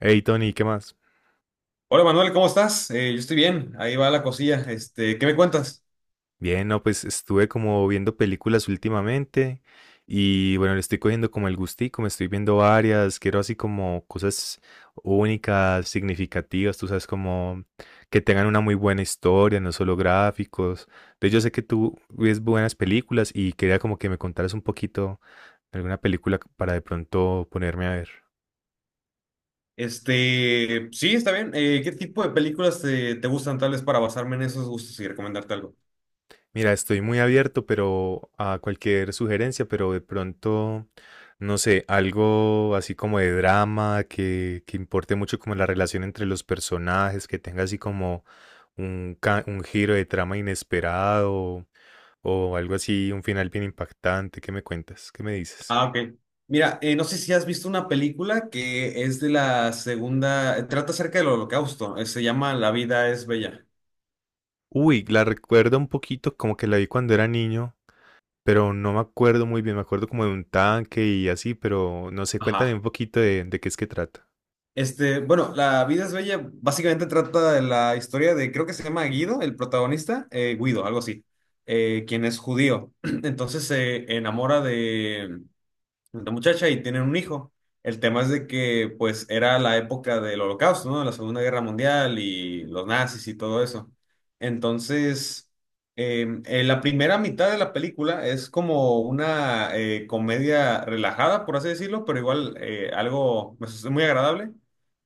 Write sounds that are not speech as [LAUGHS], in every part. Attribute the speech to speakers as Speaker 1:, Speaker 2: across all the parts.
Speaker 1: Hey Tony, ¿qué más?
Speaker 2: Hola Manuel, ¿cómo estás? Yo estoy bien, ahí va la cosilla. ¿Qué me cuentas?
Speaker 1: Bien, no, pues estuve como viendo películas últimamente y bueno, le estoy cogiendo como el gustico, me estoy viendo varias, quiero así como cosas únicas, significativas, tú sabes, como que tengan una muy buena historia, no solo gráficos. Entonces yo sé que tú ves buenas películas y quería como que me contaras un poquito de alguna película para de pronto ponerme a ver.
Speaker 2: Sí, está bien. ¿Qué tipo de películas te gustan tal vez para basarme en esos gustos y recomendarte algo?
Speaker 1: Mira, estoy muy abierto, pero a cualquier sugerencia, pero de pronto, no sé, algo así como de drama, que importe mucho como la relación entre los personajes, que tenga así como un, un giro de trama inesperado o algo así, un final bien impactante. ¿Qué me cuentas? ¿Qué me dices?
Speaker 2: Ah, ok. Mira, no sé si has visto una película que es de la segunda, trata acerca del Holocausto, se llama La vida es bella.
Speaker 1: Uy, la recuerdo un poquito, como que la vi cuando era niño, pero no me acuerdo muy bien, me acuerdo como de un tanque y así, pero no sé, cuéntame
Speaker 2: Ajá.
Speaker 1: un poquito de qué es que trata.
Speaker 2: Bueno, La vida es bella básicamente trata de la historia de, creo que se llama Guido, el protagonista, Guido, algo así, quien es judío. [CLEARS THROAT] Entonces se enamora de, la muchacha y tienen un hijo. El tema es de que, pues, era la época del Holocausto, ¿no? La Segunda Guerra Mundial y los nazis y todo eso. Entonces, en la primera mitad de la película es como una comedia relajada, por así decirlo, pero igual algo pues, muy agradable.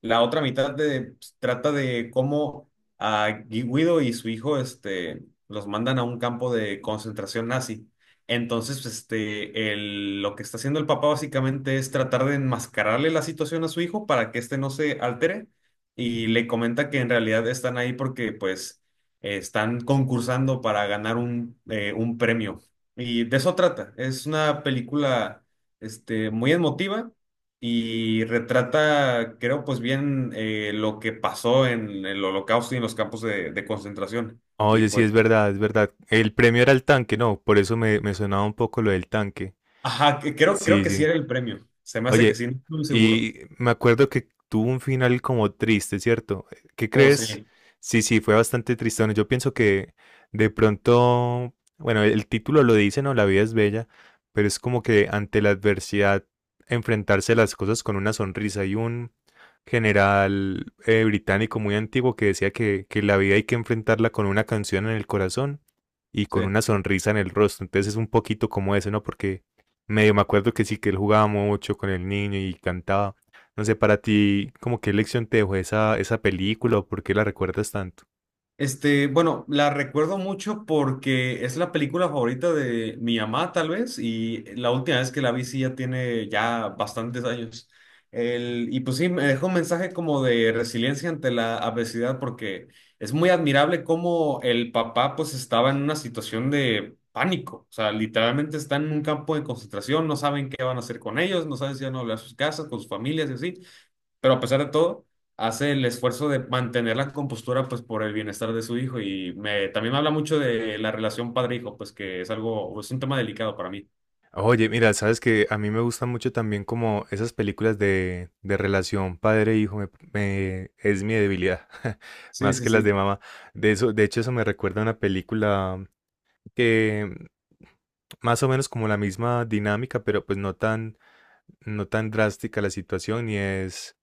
Speaker 2: La otra mitad de- Pues, trata de cómo a Guido y su hijo este, los mandan a un campo de concentración nazi. Entonces, pues, este, lo que está haciendo el papá básicamente es tratar de enmascararle la situación a su hijo para que éste no se altere y le comenta que en realidad están ahí porque pues están concursando para ganar un premio. Y de eso trata. Es una película este, muy emotiva y retrata, creo, pues bien lo que pasó en el Holocausto y en los campos de concentración. Y
Speaker 1: Oye, sí, es
Speaker 2: pues
Speaker 1: verdad, es verdad. El premio era el tanque, no, por eso me, me sonaba un poco lo del tanque.
Speaker 2: ajá, creo, creo
Speaker 1: Sí,
Speaker 2: que sí
Speaker 1: sí.
Speaker 2: era el premio. Se me hace que sí,
Speaker 1: Oye,
Speaker 2: no estoy muy seguro.
Speaker 1: y me acuerdo que tuvo un final como triste, ¿cierto? ¿Qué
Speaker 2: Oh,
Speaker 1: crees?
Speaker 2: sí,
Speaker 1: Sí, sí, fue bastante tristón. Yo pienso que de pronto, bueno, el título lo dice, ¿no? La vida es bella, pero es como que ante la adversidad, enfrentarse a las cosas con una sonrisa. Hay un general británico muy antiguo que decía que la vida hay que enfrentarla con una canción en el corazón y
Speaker 2: sí.
Speaker 1: con una sonrisa en el rostro. Entonces es un poquito como eso, ¿no? Porque medio me acuerdo que sí, que él jugaba mucho con el niño y cantaba. No sé, para ti, ¿como qué lección te dejó esa película o por qué la recuerdas tanto?
Speaker 2: Este, bueno, la recuerdo mucho porque es la película favorita de mi mamá, tal vez, y la última vez que la vi sí ya tiene ya bastantes años. El, y pues sí, me dejó un mensaje como de resiliencia ante la adversidad porque es muy admirable cómo el papá pues estaba en una situación de pánico, o sea, literalmente está en un campo de concentración, no saben qué van a hacer con ellos, no saben si van a volver a sus casas, con sus familias y así. Pero a pesar de todo, hace el esfuerzo de mantener la compostura pues por el bienestar de su hijo y también me habla mucho de la relación padre-hijo, pues que es algo, es un tema delicado para mí.
Speaker 1: Oye, mira, sabes que a mí me gustan mucho también como esas películas de relación padre-hijo, es mi debilidad, [LAUGHS]
Speaker 2: Sí,
Speaker 1: más
Speaker 2: sí,
Speaker 1: que las de
Speaker 2: sí.
Speaker 1: mamá. De eso, de hecho, eso me recuerda a una película que más o menos como la misma dinámica, pero pues no tan drástica la situación y es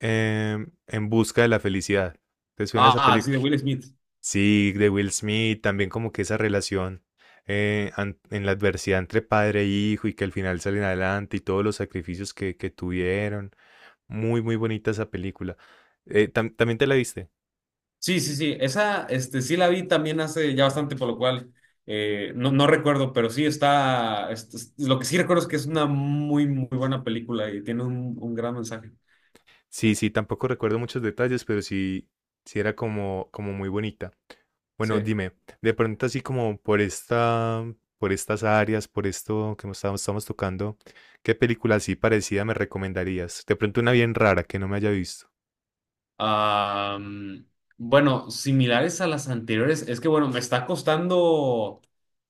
Speaker 1: En busca de la felicidad. ¿Te suena esa
Speaker 2: Ah, sí, de
Speaker 1: película?
Speaker 2: Will Smith.
Speaker 1: Sí, de Will Smith, también como que esa relación en la adversidad entre padre e hijo y que al final salen adelante y todos los sacrificios que tuvieron. Muy, muy bonita esa película. ¿También te la viste?
Speaker 2: Sí, sí, sí. Esa, este, sí la vi también hace ya bastante, por lo cual no, no recuerdo, pero sí está, lo que sí recuerdo es que es una muy, muy buena película y tiene un gran mensaje.
Speaker 1: Sí, sí, tampoco recuerdo muchos detalles, pero sí, sí era como, como muy bonita. Bueno,
Speaker 2: Sí.
Speaker 1: dime, de pronto así como por esta, por estas áreas, por esto que estamos tocando, ¿qué película así parecida me recomendarías? De pronto una bien rara que no me haya visto.
Speaker 2: Am, bueno, similares a las anteriores, es que bueno, me está costando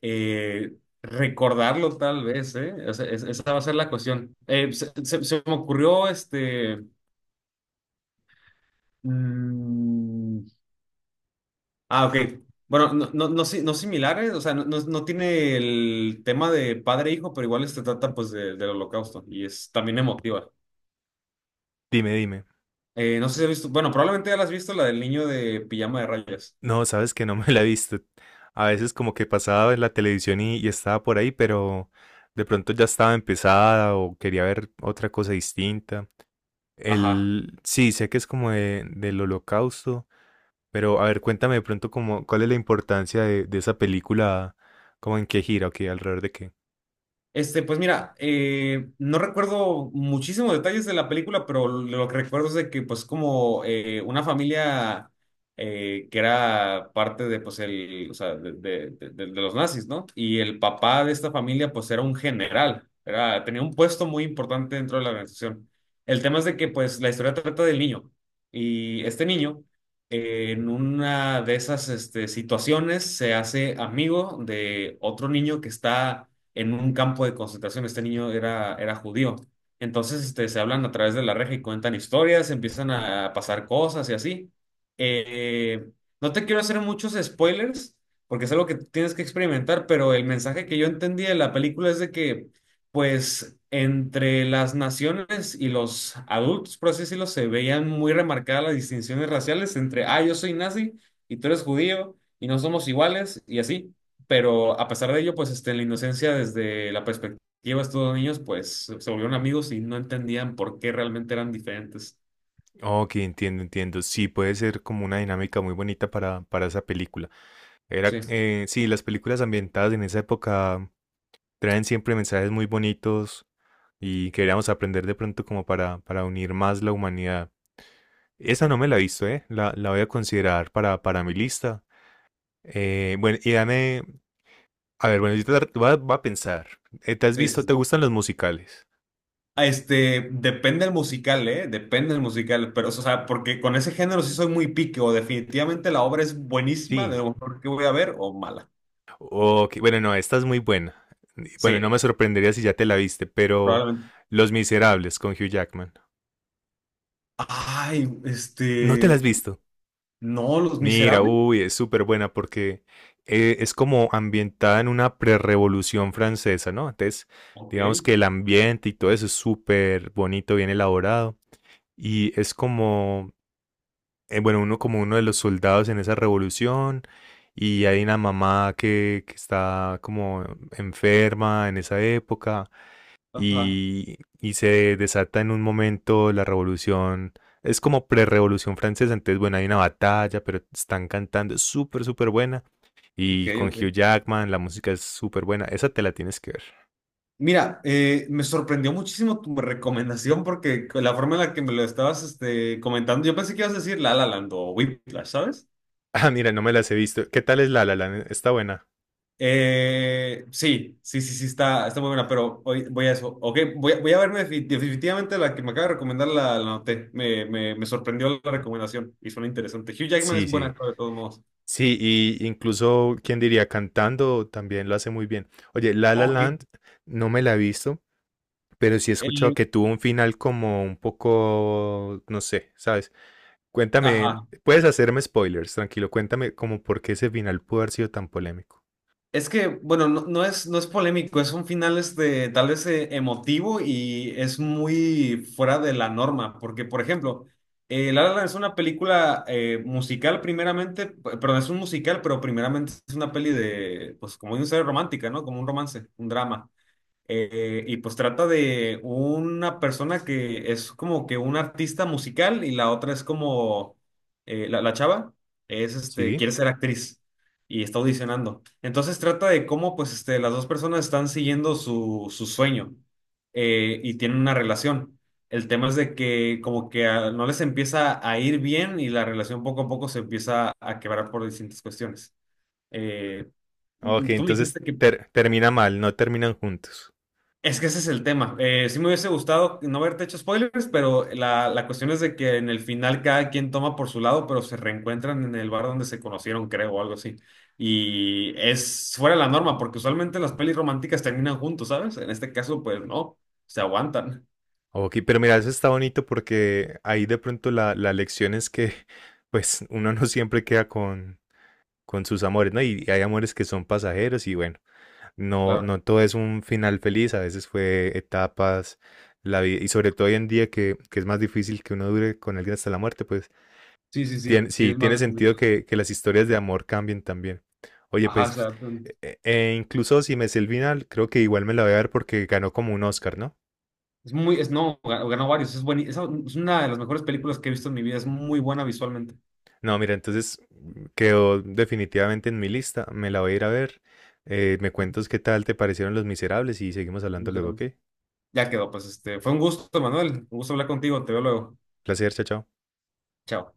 Speaker 2: eh, recordarlo tal vez, ¿eh? O sea, esa va a ser la cuestión. Se me ocurrió este... mm, ah, ok. Bueno, no, no, no, no similares, o sea, no tiene el tema de padre e hijo, pero igual se trata pues del holocausto y es también emotiva.
Speaker 1: Dime, dime.
Speaker 2: No sé si has visto, bueno, probablemente ya la has visto, la del niño de pijama de rayas.
Speaker 1: No, sabes que no me la he visto. A veces como que pasaba en la televisión y estaba por ahí, pero de pronto ya estaba empezada o quería ver otra cosa distinta.
Speaker 2: Ajá.
Speaker 1: El, sí, sé que es como del holocausto. Pero a ver, cuéntame de pronto como, cuál es la importancia de esa película, como en qué gira, ok, alrededor de qué.
Speaker 2: Este, pues mira, no recuerdo muchísimos detalles de la película, pero lo que recuerdo es de que, pues, como una familia que era parte de, pues, el, o sea, de los nazis, ¿no? Y el papá de esta familia, pues, era un general, era, tenía un puesto muy importante dentro de la organización. El tema es de que, pues, la historia trata del niño. Y este niño, en una de esas, este, situaciones, se hace amigo de otro niño que está en un campo de concentración. Este niño era, era judío. Entonces, este, se hablan a través de la reja y cuentan historias, empiezan a pasar cosas y así. Eh, no te quiero hacer muchos spoilers, porque es algo que tienes que experimentar, pero el mensaje que yo entendí de la película es de que, pues, entre las naciones y los adultos, por así decirlo, se veían muy remarcadas las distinciones raciales entre, ah, yo soy nazi y tú eres judío y no somos iguales y así. Pero a pesar de ello, pues este, en la inocencia, desde la perspectiva de estos dos niños, pues se volvieron amigos y no entendían por qué realmente eran diferentes.
Speaker 1: Ok, entiendo, entiendo. Sí, puede ser como una dinámica muy bonita para esa película. Era,
Speaker 2: Sí, sí,
Speaker 1: sí, las películas ambientadas en esa época traen siempre mensajes muy bonitos y queríamos aprender de pronto como para unir más la humanidad. Esa no me la he visto, ¿eh? La voy a considerar para mi lista. Bueno, y dame, a ver, bueno, yo te voy a pensar. ¿Te has
Speaker 2: sí.
Speaker 1: visto,
Speaker 2: Sí.
Speaker 1: te gustan los musicales?
Speaker 2: Ah, este, depende el musical, ¿eh? Depende el musical, pero, o sea, porque con ese género sí soy muy pique, o definitivamente la obra es buenísima, de
Speaker 1: Sí.
Speaker 2: lo mejor que voy a ver, o mala.
Speaker 1: Ok, bueno, no, esta es muy buena. Bueno, no
Speaker 2: Sí,
Speaker 1: me sorprendería si ya te la viste, pero
Speaker 2: probablemente.
Speaker 1: Los Miserables con Hugh Jackman.
Speaker 2: Ay,
Speaker 1: ¿No te la has
Speaker 2: este,
Speaker 1: visto?
Speaker 2: no, Los
Speaker 1: Mira,
Speaker 2: Miserables.
Speaker 1: uy, es súper buena porque es como ambientada en una prerrevolución francesa, ¿no? Entonces,
Speaker 2: Ok,
Speaker 1: digamos que el ambiente y todo eso es súper bonito, bien elaborado. Y es como, bueno, uno como uno de los soldados en esa revolución. Y hay una mamá que está como enferma en esa época
Speaker 2: ajá,
Speaker 1: y se desata en un momento la revolución. Es como pre-revolución francesa, entonces bueno, hay una batalla, pero están cantando, es súper, súper buena.
Speaker 2: ok,
Speaker 1: Y con
Speaker 2: ok.
Speaker 1: Hugh Jackman, la música es súper buena. Esa te la tienes que ver. [LAUGHS]
Speaker 2: Mira, me sorprendió muchísimo tu recomendación porque con la forma en la que me lo estabas este, comentando, yo pensé que ibas a decir La La Land o Whiplash, ¿sabes?
Speaker 1: Ah, mira, no me las he visto. ¿Qué tal es La La Land? Está buena.
Speaker 2: Sí, sí, sí, sí, está, está muy buena, pero hoy voy a eso. Ok, voy a verme definitivamente la que me acaba de recomendar, la noté. Me sorprendió la recomendación y suena interesante. Hugh Jackman es
Speaker 1: Sí,
Speaker 2: buen
Speaker 1: sí.
Speaker 2: actor de todos modos.
Speaker 1: Sí, y incluso, ¿quién diría? Cantando también lo hace muy bien. Oye, La La
Speaker 2: Ok.
Speaker 1: Land no me la he visto, pero sí he escuchado
Speaker 2: Eh,
Speaker 1: que tuvo un final como un poco, no sé, ¿sabes? Cuéntame,
Speaker 2: ajá.
Speaker 1: puedes hacerme spoilers, tranquilo, cuéntame como por qué ese final pudo haber sido tan polémico.
Speaker 2: Es que, bueno, no, no es, no es polémico, es un final este, tal vez emotivo y es muy fuera de la norma, porque, por ejemplo, La La Land es una película musical primeramente, perdón, es un musical, pero primeramente es una peli de, pues como dice, romántica, ¿no? Como un romance, un drama. Y pues trata de una persona que es como que un artista musical y la otra es como la, la chava es este
Speaker 1: ¿Sí?
Speaker 2: quiere ser actriz y está audicionando. Entonces trata de cómo pues este las dos personas están siguiendo su, su sueño y tienen una relación. El tema es de que como que ah, no les empieza a ir bien y la relación poco a poco se empieza a quebrar por distintas cuestiones. Eh,
Speaker 1: Ok,
Speaker 2: Tú me
Speaker 1: entonces
Speaker 2: dijiste que
Speaker 1: termina mal, no terminan juntos.
Speaker 2: es que ese es el tema. Sí me hubiese gustado no haberte hecho spoilers, pero la cuestión es de que en el final cada quien toma por su lado, pero se reencuentran en el bar donde se conocieron, creo, o algo así. Y es fuera de la norma, porque usualmente las pelis románticas terminan juntos, ¿sabes? En este caso, pues no, se aguantan.
Speaker 1: Ok, pero mira, eso está bonito porque ahí de pronto la, la lección es que [LAUGHS] pues uno no siempre queda con sus amores, ¿no? Y hay amores que son pasajeros y bueno, no,
Speaker 2: Claro.
Speaker 1: no todo es un final feliz, a veces fue etapas, la vida, y sobre todo hoy en día que es más difícil que uno dure con alguien hasta la muerte, pues
Speaker 2: Sí, sí, sí, sí,
Speaker 1: Sí,
Speaker 2: es más
Speaker 1: tiene
Speaker 2: de
Speaker 1: sentido
Speaker 2: complicado.
Speaker 1: que las historias de amor cambien también. Oye,
Speaker 2: Ajá, o
Speaker 1: pues,
Speaker 2: sea,
Speaker 1: e incluso si me sé el final, creo que igual me la voy a ver porque ganó como un Oscar, ¿no?
Speaker 2: es muy, es no, ga- ganó varios, es buenísimo. Es una de las mejores películas que he visto en mi vida, es muy buena visualmente.
Speaker 1: No, mira, entonces quedó definitivamente en mi lista. Me la voy a ir a ver. Me
Speaker 2: Ujú,
Speaker 1: cuentas qué tal te parecieron Los Miserables y seguimos hablando luego, ¿ok?
Speaker 2: ya quedó, pues este, fue un gusto, Manuel. Un gusto hablar contigo. Te veo luego.
Speaker 1: Placer, chao, chao.
Speaker 2: Chao.